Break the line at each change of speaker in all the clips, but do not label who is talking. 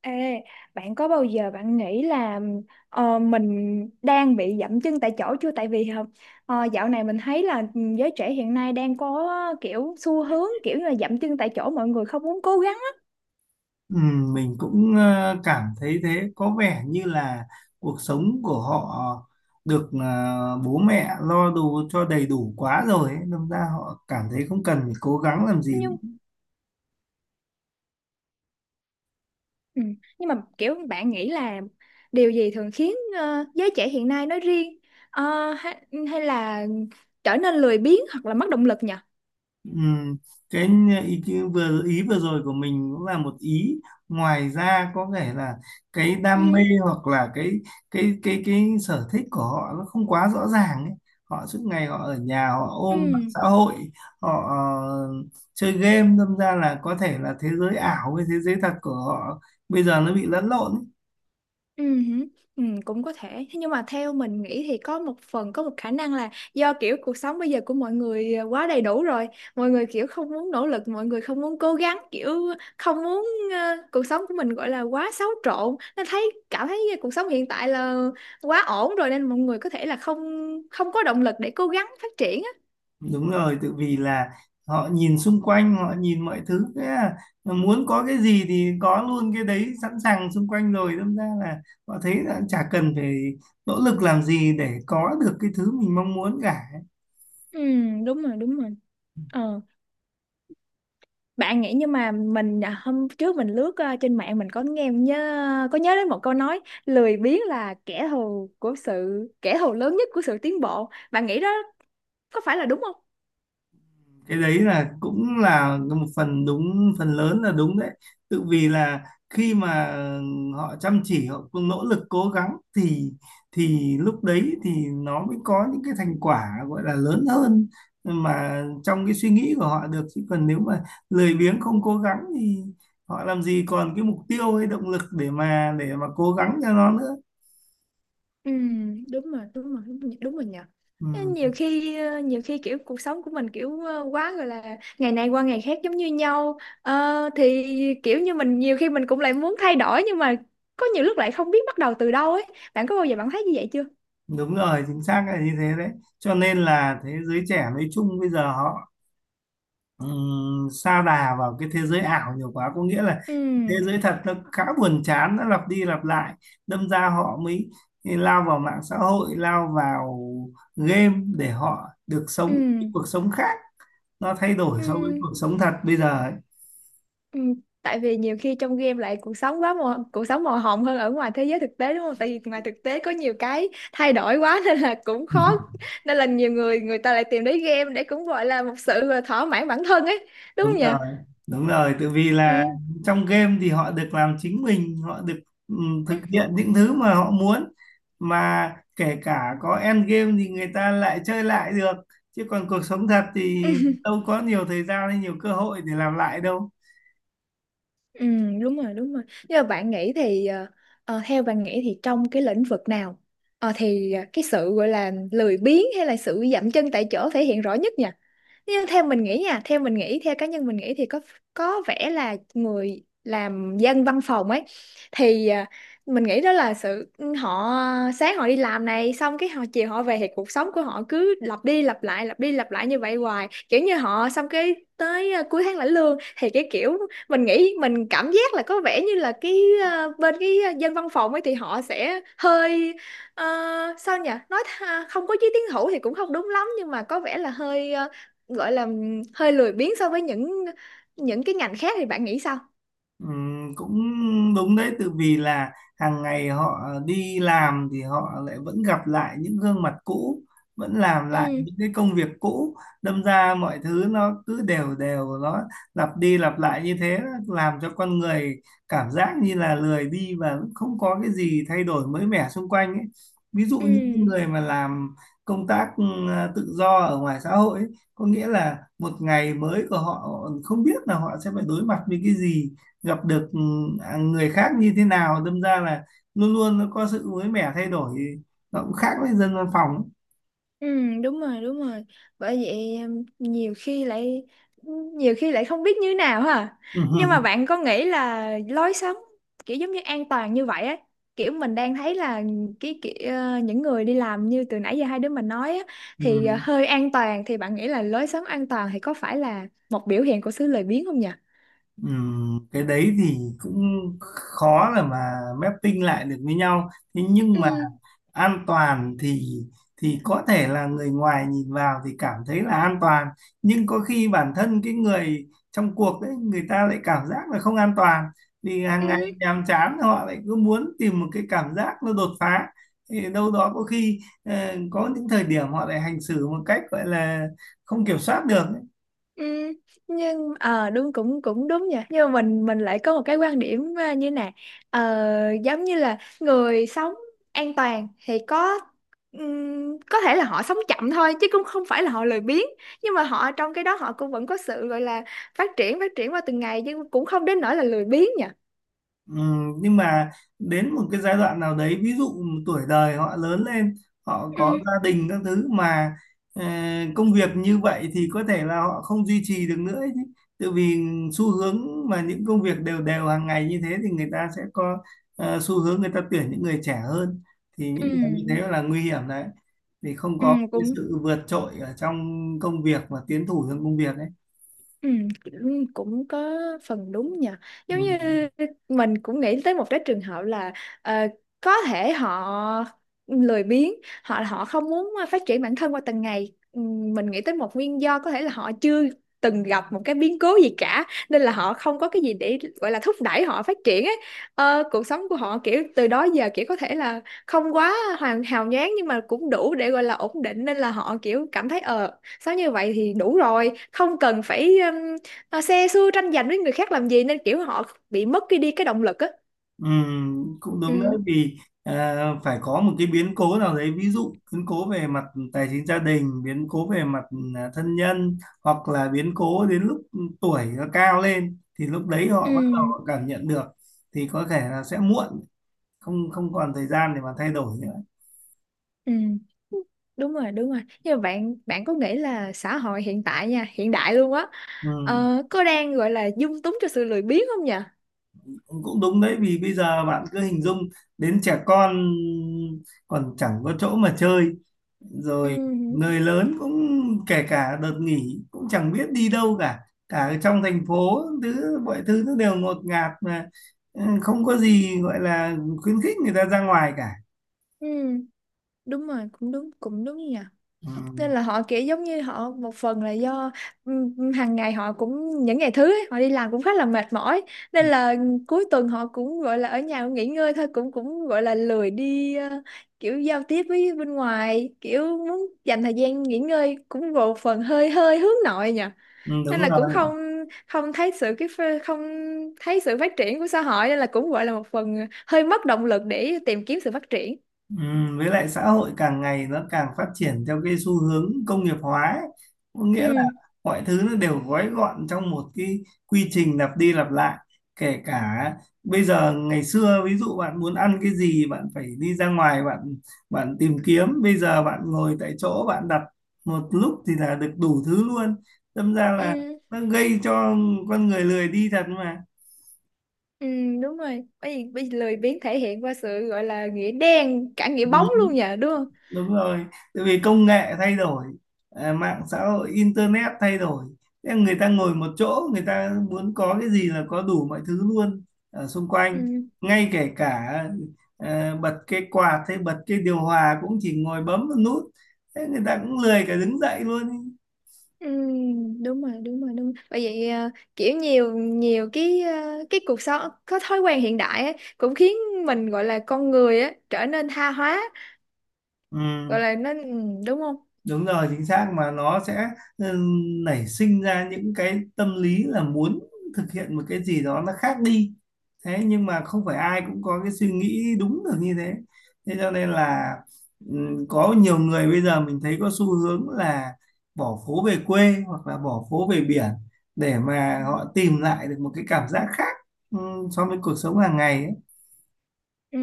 Ê, bạn có bao giờ bạn nghĩ là mình đang bị dậm chân tại chỗ chưa? Tại vì dạo này mình thấy là giới trẻ hiện nay đang có kiểu xu hướng kiểu như là dậm chân tại chỗ, mọi người không muốn cố gắng á.
Ừ, mình cũng cảm thấy thế có vẻ như là cuộc sống của họ được bố mẹ lo đủ cho đầy đủ quá rồi ấy. Đâm ra họ cảm thấy không cần phải cố gắng làm gì.
Nhưng ừ, nhưng mà kiểu bạn nghĩ là điều gì thường khiến giới trẻ hiện nay nói riêng ờ, hay, hay là trở nên lười biếng hoặc là mất động lực nhỉ?
Ừm, cái ý kiến vừa rồi của mình cũng là một ý, ngoài ra có thể là cái đam mê
Ừ,
hoặc là cái sở thích của họ nó không quá rõ ràng ấy. Họ suốt ngày họ ở nhà họ ôm mạng
ừ.
xã hội, họ chơi game, đâm ra là có thể là thế giới ảo với thế giới thật của họ bây giờ nó bị lẫn lộn ấy.
Ừ, hử, ừ, cũng có thể. Thế nhưng mà theo mình nghĩ thì có một phần, có một khả năng là do kiểu cuộc sống bây giờ của mọi người quá đầy đủ rồi, mọi người kiểu không muốn nỗ lực, mọi người không muốn cố gắng, kiểu không muốn cuộc sống của mình gọi là quá xáo trộn, nên thấy cảm thấy cuộc sống hiện tại là quá ổn rồi, nên mọi người có thể là không không có động lực để cố gắng phát triển á.
Đúng rồi, tự vì là họ nhìn xung quanh, họ nhìn mọi thứ, thế là muốn có cái gì thì có luôn cái đấy sẵn sàng xung quanh rồi, đâm ra là họ thấy là chả cần phải nỗ lực làm gì để có được cái thứ mình mong muốn cả.
Ừ, đúng rồi, đúng rồi. Ờ. Bạn nghĩ nhưng mà mình hôm trước mình lướt trên mạng, mình có nghe nhớ có nhớ đến một câu nói lười biếng là kẻ thù của sự kẻ thù lớn nhất của sự tiến bộ. Bạn nghĩ đó có phải là đúng không?
Cái đấy là cũng là một phần đúng, phần lớn là đúng đấy. Tự vì là khi mà họ chăm chỉ họ cũng nỗ lực cố gắng thì lúc đấy thì nó mới có những cái thành quả gọi là lớn hơn mà trong cái suy nghĩ của họ được. Chứ còn nếu mà lười biếng không cố gắng thì họ làm gì còn cái mục tiêu hay động lực để mà cố gắng cho nó nữa.
Ừ, đúng rồi, đúng rồi, đúng rồi, đúng rồi nhỉ.
ừ,
Ê, nhiều khi nhiều khi kiểu cuộc sống của mình kiểu quá gọi là ngày này qua ngày khác giống như nhau. Ờ, thì kiểu như mình nhiều khi mình cũng lại muốn thay đổi, nhưng mà có nhiều lúc lại không biết bắt đầu từ đâu ấy. Bạn có bao giờ bạn thấy như vậy chưa?
Đúng rồi chính xác là như thế đấy. Cho nên là thế giới trẻ nói chung bây giờ họ sa đà vào cái thế giới ảo nhiều quá, có nghĩa là
Ừ,
thế giới thật nó khá buồn chán, nó lặp đi lặp lại, đâm ra họ mới lao vào mạng xã hội, lao vào game để họ được
ừ,
sống cuộc sống khác, nó thay đổi
ừ.
so với cuộc sống thật bây giờ ấy.
Ừ, tại vì nhiều khi trong game lại cuộc sống quá màu, cuộc sống màu hồng hơn ở ngoài thế giới thực tế, đúng không? Tại vì ngoài thực tế có nhiều cái thay đổi quá nên là cũng khó, nên là nhiều người, người ta lại tìm đến game để cũng gọi là một sự là thỏa mãn bản thân ấy, đúng
Đúng
không nhỉ?
rồi đúng rồi, tại vì là
Ừ.
trong game thì họ được làm chính mình, họ được ừ, thực hiện những thứ mà họ muốn, mà kể cả có end game thì người ta lại chơi lại được. Chứ còn cuộc sống thật
Ừ,
thì đâu có nhiều thời gian hay nhiều cơ hội để làm lại đâu.
ừ, đúng rồi, đúng rồi. Nhưng mà bạn nghĩ thì theo bạn nghĩ thì trong cái lĩnh vực nào cái sự gọi là lười biếng hay là sự dậm chân tại chỗ thể hiện rõ nhất nhỉ? Nhưng theo mình nghĩ nha, theo mình nghĩ, theo cá nhân mình nghĩ thì có vẻ là người làm dân văn phòng ấy, thì mình nghĩ đó là sự ừ, họ sáng họ đi làm này, xong cái họ chiều họ về, thì cuộc sống của họ cứ lặp đi lặp lại, lặp đi lặp lại như vậy hoài, kiểu như họ xong cái tới cuối tháng lãnh lương, thì cái kiểu mình nghĩ, mình cảm giác là có vẻ như là cái bên cái dân văn phòng ấy thì họ sẽ hơi Ờ, sao nhỉ, nói không có chí tiến thủ thì cũng không đúng lắm, nhưng mà có vẻ là hơi gọi là hơi lười biếng so với những cái ngành khác, thì bạn nghĩ sao?
Cũng đúng đấy, từ vì là hàng ngày họ đi làm thì họ lại vẫn gặp lại những gương mặt cũ, vẫn làm lại
Ừ,
những cái công việc cũ, đâm ra mọi thứ nó cứ đều đều, nó lặp đi lặp lại như thế, làm cho con người cảm giác như là lười đi và không có cái gì thay đổi mới mẻ xung quanh ấy. Ví dụ những cái
ừ,
người mà làm công tác tự do ở ngoài xã hội ấy, có nghĩa là một ngày mới của họ họ không biết là họ sẽ phải đối mặt với cái gì, gặp được người khác như thế nào, đâm ra là luôn luôn nó có sự mới mẻ thay đổi, nó cũng khác với dân văn phòng.
ừ, đúng rồi, đúng rồi, bởi vậy em nhiều khi lại không biết như nào ha. Nhưng mà bạn có nghĩ là lối sống kiểu giống như an toàn như vậy ấy, kiểu mình đang thấy là cái kiểu những người đi làm như từ nãy giờ hai đứa mình nói á, thì
Ừ.
hơi an toàn, thì bạn nghĩ là lối sống an toàn thì có phải là một biểu hiện của sự lười biếng không nhỉ?
Cái đấy thì cũng khó là mà mapping lại được với nhau. Thế nhưng
Ừ,
mà an toàn thì có thể là người ngoài nhìn vào thì cảm thấy là an toàn, nhưng có khi bản thân cái người trong cuộc đấy người ta lại cảm giác là không an toàn, vì hàng ngày
ừ.
nhàm chán họ lại cứ muốn tìm một cái cảm giác nó đột phá. Thì đâu đó có khi có những thời điểm họ lại hành xử một cách gọi là không kiểm soát được.
Ừ, nhưng ờ đúng, cũng cũng đúng nhỉ, nhưng mà mình lại có một cái quan điểm như này. Ờ, giống như là người sống an toàn thì có thể là họ sống chậm thôi, chứ cũng không phải là họ lười biếng, nhưng mà họ trong cái đó họ cũng vẫn có sự gọi là phát triển, phát triển qua từng ngày, chứ cũng không đến nỗi là lười biếng nhỉ.
Ừ, nhưng mà đến một cái giai đoạn nào đấy, ví dụ tuổi đời họ lớn lên họ có
Ừ,
gia đình các thứ mà ờ, công việc như vậy thì có thể là họ không duy trì được nữa ấy chứ. Tại vì xu hướng mà những công việc đều đều hàng ngày như thế thì người ta sẽ có xu hướng người ta tuyển những người trẻ hơn. Thì
ừ,
những người như thế là nguy hiểm đấy, thì không
ừ,
có cái
cũng
sự vượt trội ở trong công việc và tiến thủ trong công việc ấy.
ừ, cũng cũng có phần đúng nhờ,
Ừ.
giống như mình cũng nghĩ tới một cái trường hợp là ờ, có thể họ lười biếng, họ họ không muốn phát triển bản thân qua từng ngày. Ừ, mình nghĩ tới một nguyên do có thể là họ chưa từng gặp một cái biến cố gì cả, nên là họ không có cái gì để gọi là thúc đẩy họ phát triển ấy. Ờ, cuộc sống của họ kiểu từ đó giờ kiểu có thể là không quá hoàn hào nhoáng, nhưng mà cũng đủ để gọi là ổn định, nên là họ kiểu cảm thấy ờ sao như vậy thì đủ rồi, không cần phải xe xưa tranh giành với người khác làm gì, nên kiểu họ bị mất cái đi cái động lực á.
Cũng đúng đấy,
Ừ,
vì à, phải có một cái biến cố nào đấy, ví dụ biến cố về mặt tài chính gia đình, biến cố về mặt thân nhân, hoặc là biến cố đến lúc tuổi nó cao lên thì lúc đấy họ bắt đầu
ừ,
họ cảm nhận được, thì có thể là sẽ muộn, không không còn thời gian để mà thay đổi nữa.
ừ, đúng rồi, đúng rồi. Nhưng mà bạn bạn có nghĩ là xã hội hiện tại nha, hiện đại luôn á,
Ừm,
có đang gọi là dung túng cho sự lười biếng không nhỉ?
Cũng đúng đấy vì bây giờ bạn cứ hình dung đến trẻ con còn chẳng có chỗ mà chơi
Ừ,
rồi. Người lớn cũng kể cả đợt nghỉ cũng chẳng biết đi đâu cả, cả ở trong thành phố thứ mọi thứ nó đều ngột ngạt mà, không có gì gọi là khuyến khích người ta ra ngoài cả.
ừ, đúng rồi, cũng đúng, cũng đúng nhỉ.
Ừ.
Nên là họ kiểu giống như họ một phần là do hàng ngày họ cũng những ngày thứ ấy, họ đi làm cũng khá là mệt mỏi, nên là cuối tuần họ cũng gọi là ở nhà nghỉ ngơi thôi, cũng cũng gọi là lười đi kiểu giao tiếp với bên ngoài, kiểu muốn dành thời gian nghỉ ngơi, cũng một phần hơi hơi hướng nội nhỉ.
Ừ,
Nên
đúng
là cũng
rồi.
không không thấy sự cái không thấy sự phát triển của xã hội, nên là cũng gọi là một phần hơi mất động lực để tìm kiếm sự phát triển.
Với lại xã hội càng ngày nó càng phát triển theo cái xu hướng công nghiệp hóa ấy. Có nghĩa là
Ừ.
mọi thứ nó đều gói gọn trong một cái quy trình lặp đi lặp lại. Kể cả bây giờ ngày xưa ví dụ bạn muốn ăn cái gì bạn phải đi ra ngoài bạn bạn tìm kiếm, bây giờ bạn ngồi tại chỗ bạn đặt một lúc thì là được đủ thứ luôn, đâm ra là
Ừ,
nó gây cho con người lười đi thật mà.
ừ, đúng rồi. Bởi vì lười biếng thể hiện qua sự gọi là nghĩa đen, cả nghĩa
Ừ.
bóng luôn nhờ, đúng không?
Đúng rồi, tại vì công nghệ thay đổi, mạng xã hội internet thay đổi. Thế người ta ngồi một chỗ người ta muốn có cái gì là có đủ mọi thứ luôn ở xung quanh,
Ừ.
ngay kể cả bật cái quạt hay bật cái điều hòa cũng chỉ ngồi bấm một nút, thế người ta cũng lười cả đứng dậy luôn.
Ừ, đúng rồi, đúng rồi, đúng rồi. Bởi vậy kiểu nhiều nhiều cái cái cuộc sống có thói quen hiện đại ấy, cũng khiến mình gọi là con người á trở nên tha hóa,
Ừ.
gọi là nó ừ, đúng không?
Đúng rồi chính xác, mà nó sẽ ừ, nảy sinh ra những cái tâm lý là muốn thực hiện một cái gì đó nó khác đi. Thế nhưng mà không phải ai cũng có cái suy nghĩ đúng được như thế. Thế cho nên là ừ, có nhiều người bây giờ mình thấy có xu hướng là bỏ phố về quê hoặc là bỏ phố về biển để mà họ tìm lại được một cái cảm giác khác ừ, so với cuộc sống hàng ngày ấy.
Ừ,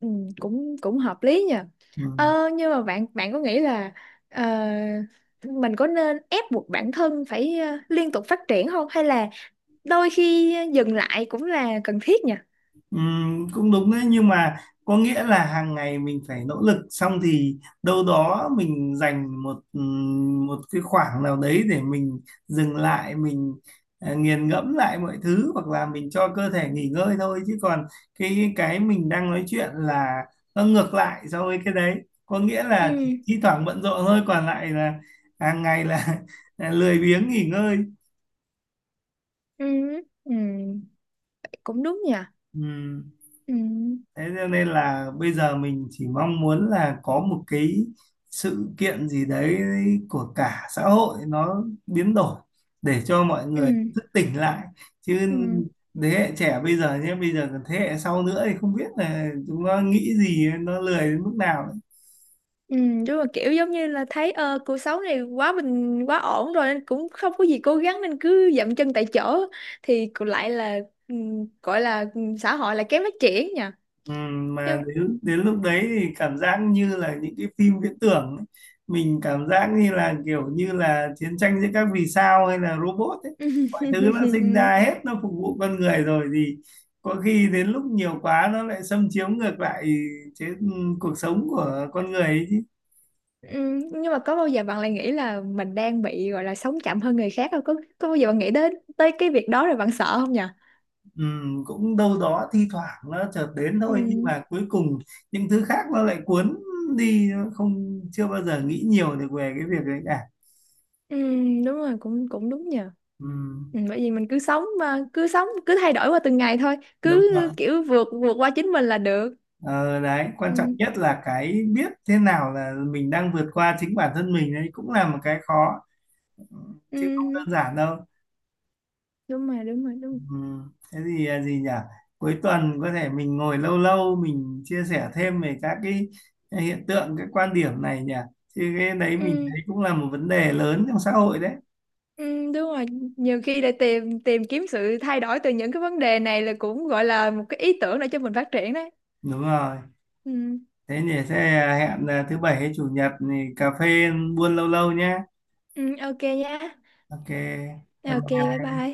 ừ, cũng cũng hợp lý nhờ.
Ừ.
Ờ, nhưng mà bạn bạn có nghĩ là ờ, mình có nên ép buộc bản thân phải liên tục phát triển không, hay là đôi khi dừng lại cũng là cần thiết nhỉ.
Cũng đúng đấy nhưng mà có nghĩa là hàng ngày mình phải nỗ lực xong thì đâu đó mình dành một một cái khoảng nào đấy để mình dừng lại, mình nghiền ngẫm lại mọi thứ hoặc là mình cho cơ thể nghỉ ngơi thôi. Chứ còn cái mình đang nói chuyện là nó ngược lại so với cái đấy, có nghĩa là
Ừ,
thi thoảng bận rộn thôi, còn lại là hàng ngày là, là lười biếng nghỉ ngơi.
ừ, ừ, cũng đúng nhỉ.
Ừm.
Ừ,
Thế cho nên là bây giờ mình chỉ mong muốn là có một cái sự kiện gì đấy của cả xã hội nó biến đổi để cho mọi
ừ,
người thức tỉnh lại. Chứ
ừ,
thế hệ trẻ bây giờ nhé, bây giờ còn thế hệ sau nữa thì không biết là chúng nó nghĩ gì, nó lười đến mức nào.
ừ, đúng là kiểu giống như là thấy cuộc sống này quá bình, quá ổn rồi nên cũng không có gì cố gắng, nên cứ dậm chân tại chỗ thì cũng lại là ừ, gọi là ừ, xã hội là kém phát triển nhỉ.
Ừ, mà
Nhưng
đến đến lúc đấy thì cảm giác như là những cái phim viễn tưởng ấy. Mình cảm giác như là kiểu như là chiến tranh giữa các vì sao hay là robot ấy, mọi thứ nó sinh ra hết nó phục vụ con người rồi, thì có khi đến lúc nhiều quá nó lại xâm chiếm ngược lại, chế ừ, cuộc sống của con người ấy chứ.
ừ, nhưng mà có bao giờ bạn lại nghĩ là mình đang bị gọi là sống chậm hơn người khác không? Có bao giờ bạn nghĩ đến tới cái việc đó rồi bạn sợ không nhỉ?
Ừ, cũng đâu đó thi thoảng nó chợt đến
Ừ.
thôi nhưng mà cuối cùng những thứ khác nó lại cuốn đi, nó không chưa bao giờ nghĩ nhiều được về cái việc đấy cả.
Ừ, đúng rồi, cũng cũng đúng nhờ.
Ừ,
Ừ, bởi vì mình cứ sống mà cứ sống cứ thay đổi qua từng ngày thôi,
đúng
cứ
rồi.
kiểu vượt vượt qua chính mình là được.
Ờ, đấy quan trọng
Ừ,
nhất là cái biết thế nào là mình đang vượt qua chính bản thân mình, đấy cũng là một cái khó, ừ, chứ không
ừ,
đơn giản đâu.
đúng rồi, đúng rồi, đúng rồi.
Ừ. Thế thì gì nhỉ, cuối tuần có thể mình ngồi lâu lâu mình chia sẻ thêm về các cái hiện tượng cái quan điểm này nhỉ, chứ cái đấy mình
Ừ,
thấy cũng là một vấn đề lớn trong xã hội đấy.
ừ, đúng rồi, nhiều khi để tìm tìm kiếm sự thay đổi từ những cái vấn đề này là cũng gọi là một cái ý tưởng để cho mình phát triển đấy.
Đúng rồi.
Ừ,
Thế nhỉ, thế hẹn thứ bảy hay chủ nhật thì cà phê buôn lâu lâu nhé.
ừ, ok nha.
OK bye
Ok, bye
bye.
bye.